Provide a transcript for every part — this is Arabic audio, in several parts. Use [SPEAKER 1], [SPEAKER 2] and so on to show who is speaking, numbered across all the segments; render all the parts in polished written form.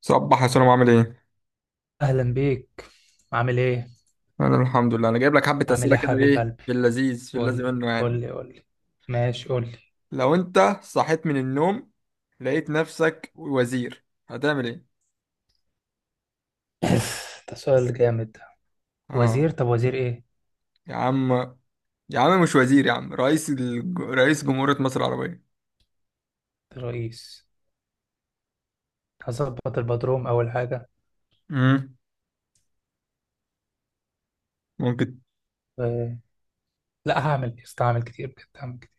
[SPEAKER 1] صباح يا سلام، عامل ايه؟
[SPEAKER 2] اهلا بيك. عامل ايه؟
[SPEAKER 1] انا الحمد لله. انا جايب لك حبة
[SPEAKER 2] عامل
[SPEAKER 1] اسئلة
[SPEAKER 2] ايه يا
[SPEAKER 1] كده،
[SPEAKER 2] حبيب
[SPEAKER 1] ايه
[SPEAKER 2] قلبي؟
[SPEAKER 1] في اللذيذ في
[SPEAKER 2] قول
[SPEAKER 1] اللذيذ
[SPEAKER 2] لي،
[SPEAKER 1] منه
[SPEAKER 2] قول
[SPEAKER 1] يعني.
[SPEAKER 2] لي، قول لي. ماشي، قول لي.
[SPEAKER 1] لو انت صحيت من النوم لقيت نفسك وزير هتعمل ايه؟
[SPEAKER 2] ده سؤال جامد ده.
[SPEAKER 1] اه.
[SPEAKER 2] وزير؟ طب وزير ايه؟
[SPEAKER 1] يا عم، يا عم مش وزير يا عم، رئيس جمهورية مصر العربية.
[SPEAKER 2] رئيس. هظبط البدروم اول حاجه.
[SPEAKER 1] امم ممكن.
[SPEAKER 2] و... لا استعمل كتير، بجد هعمل كتير.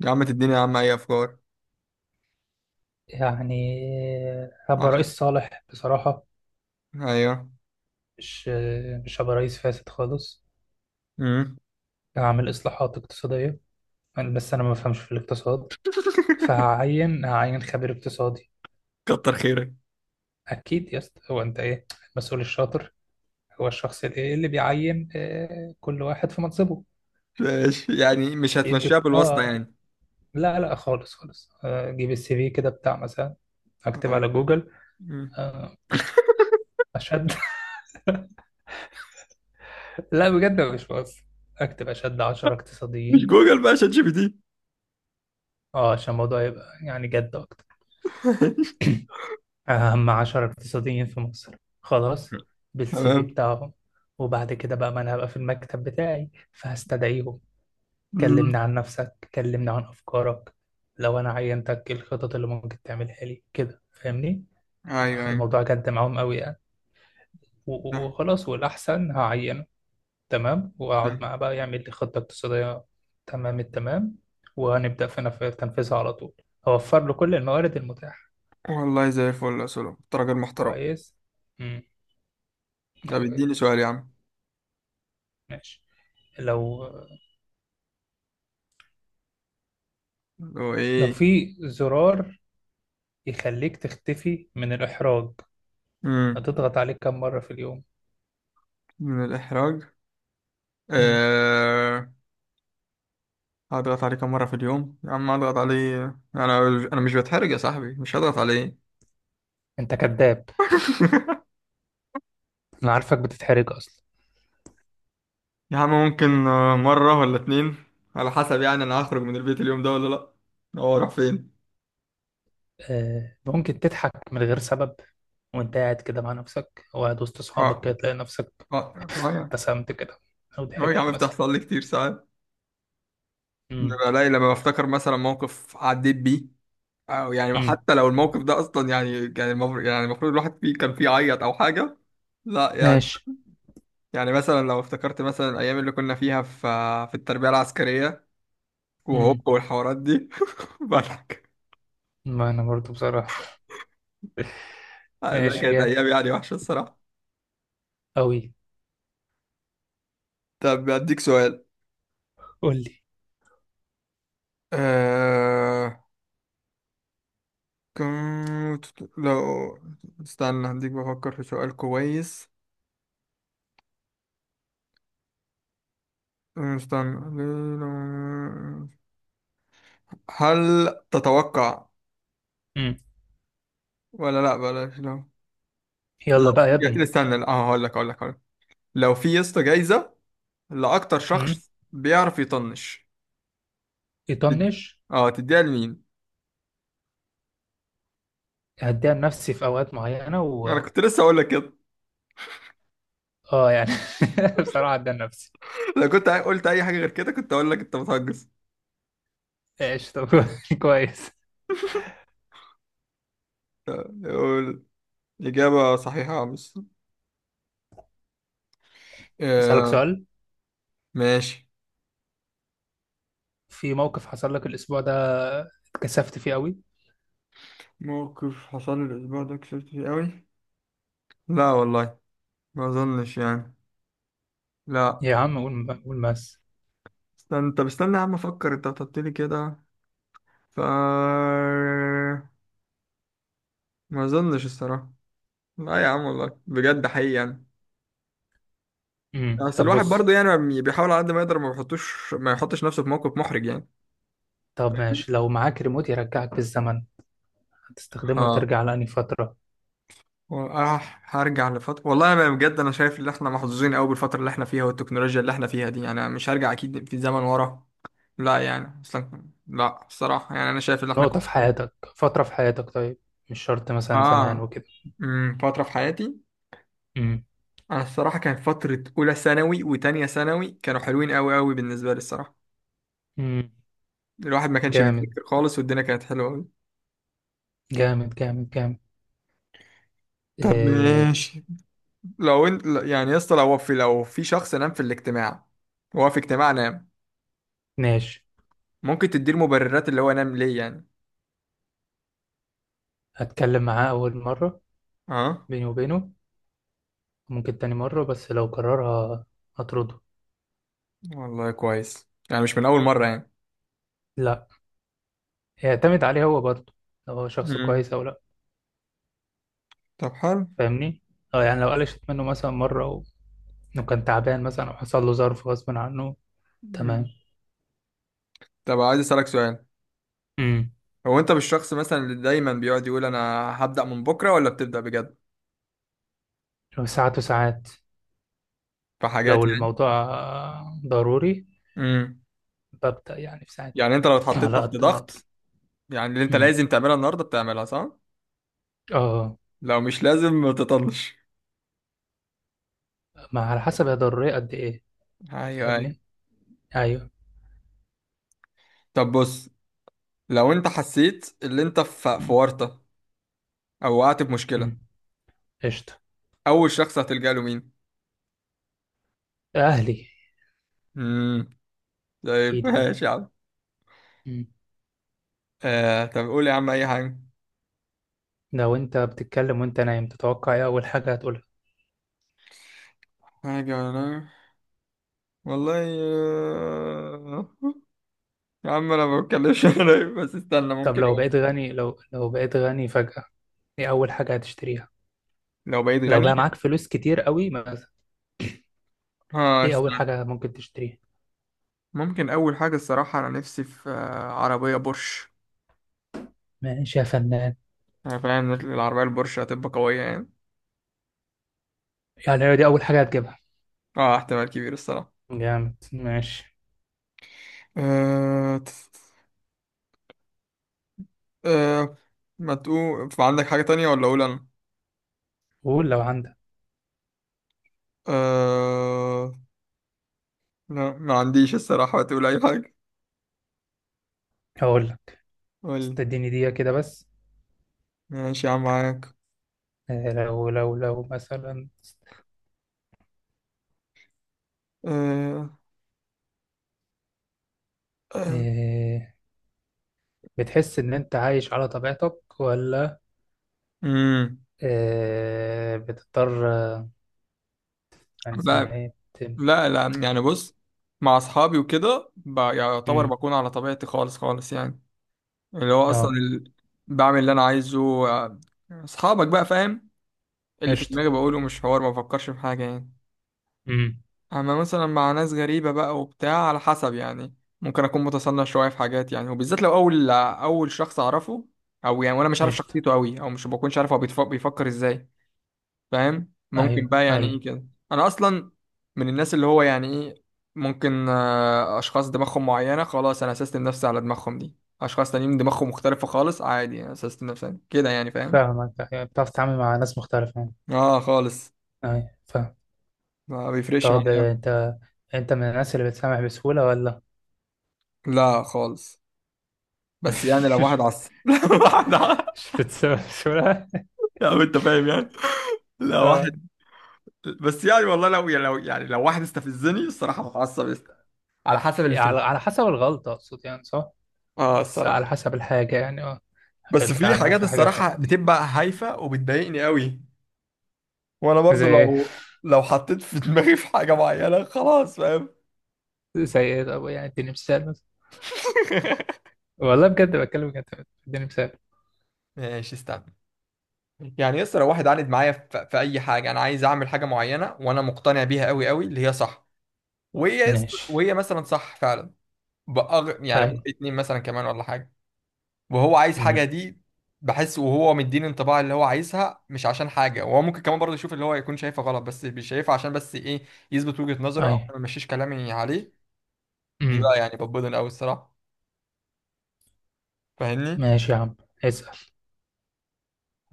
[SPEAKER 1] يا عم تديني يا عم اي افكار.
[SPEAKER 2] يعني هبقى
[SPEAKER 1] عشان،
[SPEAKER 2] رئيس صالح بصراحه.
[SPEAKER 1] ايوه.
[SPEAKER 2] مش مش هبقى رئيس فاسد خالص.
[SPEAKER 1] امم
[SPEAKER 2] هعمل اصلاحات اقتصاديه. بس انا ما بفهمش في الاقتصاد، فهعين خبير اقتصادي.
[SPEAKER 1] كتر خيرك.
[SPEAKER 2] اكيد يا اسطى. هو انت ايه؟ المسؤول الشاطر هو الشخص اللي بيعين، كل واحد في منصبه.
[SPEAKER 1] ماشي، يعني مش هتمشيها
[SPEAKER 2] يديك
[SPEAKER 1] بالواسطة
[SPEAKER 2] اه.
[SPEAKER 1] يعني.
[SPEAKER 2] لا لا، خالص خالص، اجيب السي في كده بتاع مثلا، اكتب على
[SPEAKER 1] أيوة.
[SPEAKER 2] جوجل.
[SPEAKER 1] مم.
[SPEAKER 2] آه، اشد. لا بجد مش بهزر. اكتب اشد 10
[SPEAKER 1] مش
[SPEAKER 2] اقتصاديين.
[SPEAKER 1] جوجل بقى، شات جي بي تي.
[SPEAKER 2] اه عشان الموضوع يبقى يعني جد اكتر. اهم 10 اقتصاديين في مصر، خلاص. بالسي في
[SPEAKER 1] تمام.
[SPEAKER 2] بتاعهم. وبعد كده بقى ما انا هبقى في المكتب بتاعي، فهستدعيهم. كلمني
[SPEAKER 1] مم.
[SPEAKER 2] عن نفسك، كلمني عن أفكارك. لو أنا عينتك إيه الخطط اللي ممكن تعملها لي كده؟ فاهمني؟
[SPEAKER 1] ايوه
[SPEAKER 2] واخد
[SPEAKER 1] ايوه
[SPEAKER 2] الموضوع جد معاهم قوي يعني.
[SPEAKER 1] صح.
[SPEAKER 2] وخلاص، والأحسن هعينه. تمام.
[SPEAKER 1] صح.
[SPEAKER 2] وأقعد معاه بقى يعمل لي خطة اقتصادية. تمام التمام. وهنبدأ في تنفيذها على طول. أوفر له كل الموارد المتاحة.
[SPEAKER 1] والله زي الفل يا سولو، انت راجل محترم.
[SPEAKER 2] كويس. امم. أيوه،
[SPEAKER 1] طب
[SPEAKER 2] أيوه،
[SPEAKER 1] اديني سؤال يا عم.
[SPEAKER 2] ماشي. لو
[SPEAKER 1] اللي هو
[SPEAKER 2] لو
[SPEAKER 1] ايه؟
[SPEAKER 2] في زرار يخليك تختفي من الإحراج،
[SPEAKER 1] مم.
[SPEAKER 2] هتضغط عليه كم مرة في اليوم؟
[SPEAKER 1] من الإحراج.
[SPEAKER 2] امم.
[SPEAKER 1] آه... هضغط عليه كم مرة في اليوم يا عم، هضغط عليه. أنا أنا مش بتحرج يا صاحبي، مش هضغط عليه.
[SPEAKER 2] أنت كذاب. انا عارفك بتتحرج اصلا.
[SPEAKER 1] يا عم ممكن مرة ولا اتنين، على حسب يعني. أنا هخرج من البيت اليوم ده ولا لأ؟ هو راح فين؟
[SPEAKER 2] ممكن تضحك من غير سبب وانت قاعد كده مع نفسك، او قاعد وسط
[SPEAKER 1] اه.
[SPEAKER 2] اصحابك كده تلاقي نفسك
[SPEAKER 1] اه.
[SPEAKER 2] ابتسمت كده، او
[SPEAKER 1] اه يا
[SPEAKER 2] ضحكت
[SPEAKER 1] عم،
[SPEAKER 2] مثلا.
[SPEAKER 1] بتحصل لي كتير ساعات.
[SPEAKER 2] امم،
[SPEAKER 1] ببقى لي لما بفتكر مثلا موقف عديت بيه، أو يعني
[SPEAKER 2] امم.
[SPEAKER 1] حتى لو الموقف ده اصلا يعني كان المفروض، يعني المفروض الواحد فيه كان فيه عيط او حاجه. لا يعني.
[SPEAKER 2] ماشي.
[SPEAKER 1] يعني مثلا لو افتكرت مثلا الايام اللي كنا فيها في التربيه العسكريه،
[SPEAKER 2] امم.
[SPEAKER 1] وهوب والحوارات دي. بالك.
[SPEAKER 2] ما انا برضو بصراحة.
[SPEAKER 1] لا
[SPEAKER 2] ماشي
[SPEAKER 1] كانت
[SPEAKER 2] جامد.
[SPEAKER 1] ايام يعني وحشه الصراحه.
[SPEAKER 2] قوي.
[SPEAKER 1] طب اديك سؤال.
[SPEAKER 2] قول لي.
[SPEAKER 1] أه... كنت، لو، استنى هديك، بفكر في سؤال كويس. استنى. هل تتوقع،
[SPEAKER 2] امم.
[SPEAKER 1] ولا لا، بلاش، لا. لو،
[SPEAKER 2] يلا بقى يا ابني.
[SPEAKER 1] استنى اه، هقول لك. لو في يا اسطى جايزة لأكتر
[SPEAKER 2] امم.
[SPEAKER 1] شخص بيعرف يطنش، تد-
[SPEAKER 2] يطنش.
[SPEAKER 1] اه تديها لمين؟
[SPEAKER 2] هديها لنفسي في اوقات معينة.
[SPEAKER 1] انا كنت لسه هقول لك كده.
[SPEAKER 2] اه يعني بصراحة هديها لنفسي.
[SPEAKER 1] قلت اي حاجة غير كده كنت هقول لك انت بتهجس.
[SPEAKER 2] ماشي طب. كويس.
[SPEAKER 1] قول. إجابة صحيحة يا عم.
[SPEAKER 2] اسالك
[SPEAKER 1] آه.
[SPEAKER 2] سؤال.
[SPEAKER 1] ماشي.
[SPEAKER 2] في موقف حصل لك الاسبوع ده اتكسفت فيه قوي؟
[SPEAKER 1] موقف حصل لي الأسبوع ده كسبت فيه أوي؟ لا والله، ما أظنش يعني. لا.
[SPEAKER 2] يا عم قول، قول بس.
[SPEAKER 1] استنى، طب استنى يا عم أفكر، أنت بتحط لي كده، ف، ما أظنش الصراحة. لا يا عم والله بجد، حقيقي يعني.
[SPEAKER 2] امم،
[SPEAKER 1] بس
[SPEAKER 2] طب
[SPEAKER 1] الواحد
[SPEAKER 2] بص.
[SPEAKER 1] برضه يعني بيحاول على قد ما يقدر ما بيحطوش، ما يحطش نفسه في موقف محرج يعني.
[SPEAKER 2] طب ماشي، لو معاك ريموت يرجعك بالزمن، هتستخدمه
[SPEAKER 1] اه.
[SPEAKER 2] ترجع لأنهي فترة؟
[SPEAKER 1] هرجع لفترة؟ والله أنا بجد أنا شايف إن إحنا محظوظين أوي بالفترة اللي إحنا فيها والتكنولوجيا اللي إحنا فيها دي يعني، أنا مش هرجع أكيد في زمن ورا. لا يعني أصلا، لا الصراحة، يعني أنا شايف إن إحنا
[SPEAKER 2] نقطة في
[SPEAKER 1] كنا،
[SPEAKER 2] حياتك، فترة في حياتك، طيب، مش شرط مثلا زمان
[SPEAKER 1] آه،
[SPEAKER 2] وكده.
[SPEAKER 1] أمم، فترة في حياتي.
[SPEAKER 2] امم،
[SPEAKER 1] أنا الصراحة كانت فترة أولى ثانوي وتانية ثانوي كانوا حلوين أوي أوي بالنسبة لي الصراحة.
[SPEAKER 2] امم.
[SPEAKER 1] الواحد ما كانش
[SPEAKER 2] جامد،
[SPEAKER 1] بيذاكر خالص والدنيا كانت حلوة أوي.
[SPEAKER 2] جامد، جامد، جامد.
[SPEAKER 1] طب
[SPEAKER 2] إيه.
[SPEAKER 1] ماشي. لو انت يعني يا اسطى، لو في شخص نام في الاجتماع، هو في اجتماع نام،
[SPEAKER 2] ماشي،
[SPEAKER 1] ممكن تديله مبررات اللي هو نام ليه يعني؟
[SPEAKER 2] هتكلم معاه أول مرة
[SPEAKER 1] اه.
[SPEAKER 2] بيني وبينه. ممكن تاني مرة، بس لو قررها هطرده.
[SPEAKER 1] والله كويس، يعني مش من اول مره يعني.
[SPEAKER 2] لا. يعتمد عليه هو برضه، لو هو شخص
[SPEAKER 1] مم.
[SPEAKER 2] كويس أو لا.
[SPEAKER 1] طب حلو.
[SPEAKER 2] فاهمني؟ اه يعني لو قلشت منه مثلا مرة، لو كان تعبان مثلا أو حصل له ظرف غصب عنه. تمام.
[SPEAKER 1] مم. طب عايز اسالك سؤال،
[SPEAKER 2] امم.
[SPEAKER 1] هو انت مش شخص مثلا اللي دايما بيقعد يقول انا هبدا من بكره، ولا بتبدا بجد
[SPEAKER 2] لو ساعات وساعات،
[SPEAKER 1] في
[SPEAKER 2] لو
[SPEAKER 1] حاجات يعني؟
[SPEAKER 2] الموضوع ضروري،
[SPEAKER 1] امم.
[SPEAKER 2] ببدأ يعني في ساعتها،
[SPEAKER 1] يعني انت لو اتحطيت
[SPEAKER 2] على
[SPEAKER 1] تحت
[SPEAKER 2] قد ما أقدر.
[SPEAKER 1] ضغط، يعني اللي انت
[SPEAKER 2] امم.
[SPEAKER 1] لازم تعملها النهارده بتعملها، صح؟
[SPEAKER 2] اه.
[SPEAKER 1] لو مش لازم ما تطنش.
[SPEAKER 2] ما على حسب هي ضرورية قد إيه.
[SPEAKER 1] ايوه.
[SPEAKER 2] فاهمني؟ أيوه.
[SPEAKER 1] طب بص، لو انت حسيت اللي انت في
[SPEAKER 2] امم،
[SPEAKER 1] ورطه، او وقعت في مشكله،
[SPEAKER 2] امم، قشطة.
[SPEAKER 1] اول شخص هتلجأ له مين؟
[SPEAKER 2] أهلي.
[SPEAKER 1] امم. طيب.
[SPEAKER 2] أكيد يعني.
[SPEAKER 1] ماشي يا عم.
[SPEAKER 2] امم.
[SPEAKER 1] آه طب قول يا عم اي حاجه.
[SPEAKER 2] لو أنت بتتكلم وأنت نايم، تتوقع إيه أول حاجة هتقولها؟
[SPEAKER 1] حاجه ولا، والله، آه، يا عم انا ما بتكلمش. انا بس استنى
[SPEAKER 2] طب
[SPEAKER 1] ممكن
[SPEAKER 2] لو
[SPEAKER 1] أقول.
[SPEAKER 2] بقيت غني، لو بقيت غني فجأة، إيه أول حاجة هتشتريها؟
[SPEAKER 1] لو بقيت
[SPEAKER 2] لو
[SPEAKER 1] غني،
[SPEAKER 2] بقى معاك فلوس كتير قوي مثلا،
[SPEAKER 1] اه
[SPEAKER 2] إيه أول
[SPEAKER 1] استنى،
[SPEAKER 2] حاجة ممكن تشتريها؟
[SPEAKER 1] ممكن اول حاجه الصراحه انا نفسي في عربيه بورش.
[SPEAKER 2] ماشي يا فنان.
[SPEAKER 1] انا فاهم إن العربيه البورش هتبقى قويه يعني.
[SPEAKER 2] يعني دي أول حاجة هتجيبها؟
[SPEAKER 1] اه احتمال كبير الصراحه.
[SPEAKER 2] جامد، ماشي.
[SPEAKER 1] آه تس- آه. ما تقول عندك حاجه تانية، ولا اقول انا؟
[SPEAKER 2] قول لو عندك.
[SPEAKER 1] آه... لا ما عنديش الصراحة، تقول أي حاجة.
[SPEAKER 2] هقول لك.
[SPEAKER 1] قول.
[SPEAKER 2] استديني دقيقة كده بس.
[SPEAKER 1] ماشي يا عم معاك.
[SPEAKER 2] لو مثلا،
[SPEAKER 1] أه... أه... آه.
[SPEAKER 2] آه، بتحس إن أنت عايش على طبيعتك، ولا
[SPEAKER 1] مم.
[SPEAKER 2] بتضطر، كان اسمها
[SPEAKER 1] لا
[SPEAKER 2] إيه؟
[SPEAKER 1] لا يعني بص، مع أصحابي وكده يعتبر
[SPEAKER 2] مم.
[SPEAKER 1] بكون على طبيعتي خالص خالص يعني. اللي هو أصلا
[SPEAKER 2] أه،
[SPEAKER 1] ال... بعمل اللي أنا عايزه. أصحابك بقى فاهم، اللي في
[SPEAKER 2] قشطة.
[SPEAKER 1] دماغي بقوله، مش حوار ما بفكرش في حاجة يعني.
[SPEAKER 2] مم.
[SPEAKER 1] اما مثلا مع ناس غريبة بقى وبتاع على حسب يعني، ممكن اكون متصنع شوية في حاجات يعني، وبالذات لو اول شخص اعرفه، او يعني وانا مش عارف
[SPEAKER 2] قشطة.
[SPEAKER 1] شخصيته قوي، او مش بكونش عارف هو بيفكر ازاي. فاهم؟ ممكن
[SPEAKER 2] أيوه،
[SPEAKER 1] بقى يعني ايه
[SPEAKER 2] أيوه،
[SPEAKER 1] كده. انا اصلا من الناس اللي هو يعني ايه، ممكن اشخاص دماغهم معينة خلاص انا سيستم نفسي على دماغهم، دي اشخاص تانيين دماغهم مختلفة خالص، عادي انا سيستم نفسي كده يعني. فاهم؟
[SPEAKER 2] فاهمك. أيوة، بتعرف تتعامل مع ناس مختلفة يعني.
[SPEAKER 1] اه خالص،
[SPEAKER 2] أيوه، فاهم.
[SPEAKER 1] ما بيفرقش
[SPEAKER 2] طب
[SPEAKER 1] معايا أوي.
[SPEAKER 2] أنت من الناس اللي بتسامح بسهولة ولا؟
[SPEAKER 1] لا خالص. بس يعني لو واحد
[SPEAKER 2] مش
[SPEAKER 1] عصب، لو واحد
[SPEAKER 2] مش بتسوى.
[SPEAKER 1] يعني انت فاهم يعني. لا
[SPEAKER 2] اه.
[SPEAKER 1] واحد، بس يعني والله لو يعني لو واحد استفزني الصراحه هتعصب، على حسب
[SPEAKER 2] إيه، على
[SPEAKER 1] الاستفزاز.
[SPEAKER 2] على حسب الغلطة أقصد يعني، صح؟
[SPEAKER 1] اه
[SPEAKER 2] بس
[SPEAKER 1] الصراحه.
[SPEAKER 2] على حسب الحاجة يعني، اه.
[SPEAKER 1] بس
[SPEAKER 2] حاجات
[SPEAKER 1] في
[SPEAKER 2] تعدي،
[SPEAKER 1] حاجات
[SPEAKER 2] في حاجات ما
[SPEAKER 1] الصراحه
[SPEAKER 2] تعدي.
[SPEAKER 1] بتبقى هايفه وبتضايقني قوي، وانا
[SPEAKER 2] زي
[SPEAKER 1] برضو
[SPEAKER 2] ايه؟
[SPEAKER 1] لو حطيت في دماغي في حاجه معينه خلاص فاهم.
[SPEAKER 2] زي ايه؟ طب يعني اديني مثال مثلا. والله بجد، بتكلم بجد، اديني مثال.
[SPEAKER 1] ماشي، استنى. يعني يسر، لو واحد عاند معايا في, في اي حاجه انا عايز اعمل حاجه معينه وانا مقتنع بيها قوي قوي اللي هي صح،
[SPEAKER 2] ماشي.
[SPEAKER 1] وهي مثلا صح فعلا، يعني بقى
[SPEAKER 2] أي،
[SPEAKER 1] اتنين مثلا كمان ولا حاجه، وهو عايز
[SPEAKER 2] أمم.
[SPEAKER 1] حاجه دي، بحس وهو مديني انطباع اللي هو عايزها مش عشان حاجه، وهو ممكن كمان برضه يشوف اللي هو يكون شايفها غلط بس مش شايفها عشان بس ايه، يثبت وجهه نظره او
[SPEAKER 2] أي،
[SPEAKER 1] أنا ما مشيش كلامي عليه. دي
[SPEAKER 2] أمم.
[SPEAKER 1] بقى يعني بتبضن قوي الصراحه، فاهمني؟
[SPEAKER 2] ماشي يا عم. اسأل.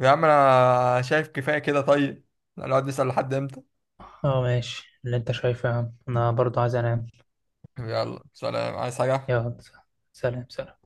[SPEAKER 1] يا عم انا شايف كفايه كده طيب، نقعد نسال لحد امتى؟
[SPEAKER 2] اه ماشي، اللي انت شايفه يا عم، انا برضو عايز انام.
[SPEAKER 1] يلا سلام، عايز حاجه؟
[SPEAKER 2] يلا. سلام، سلام.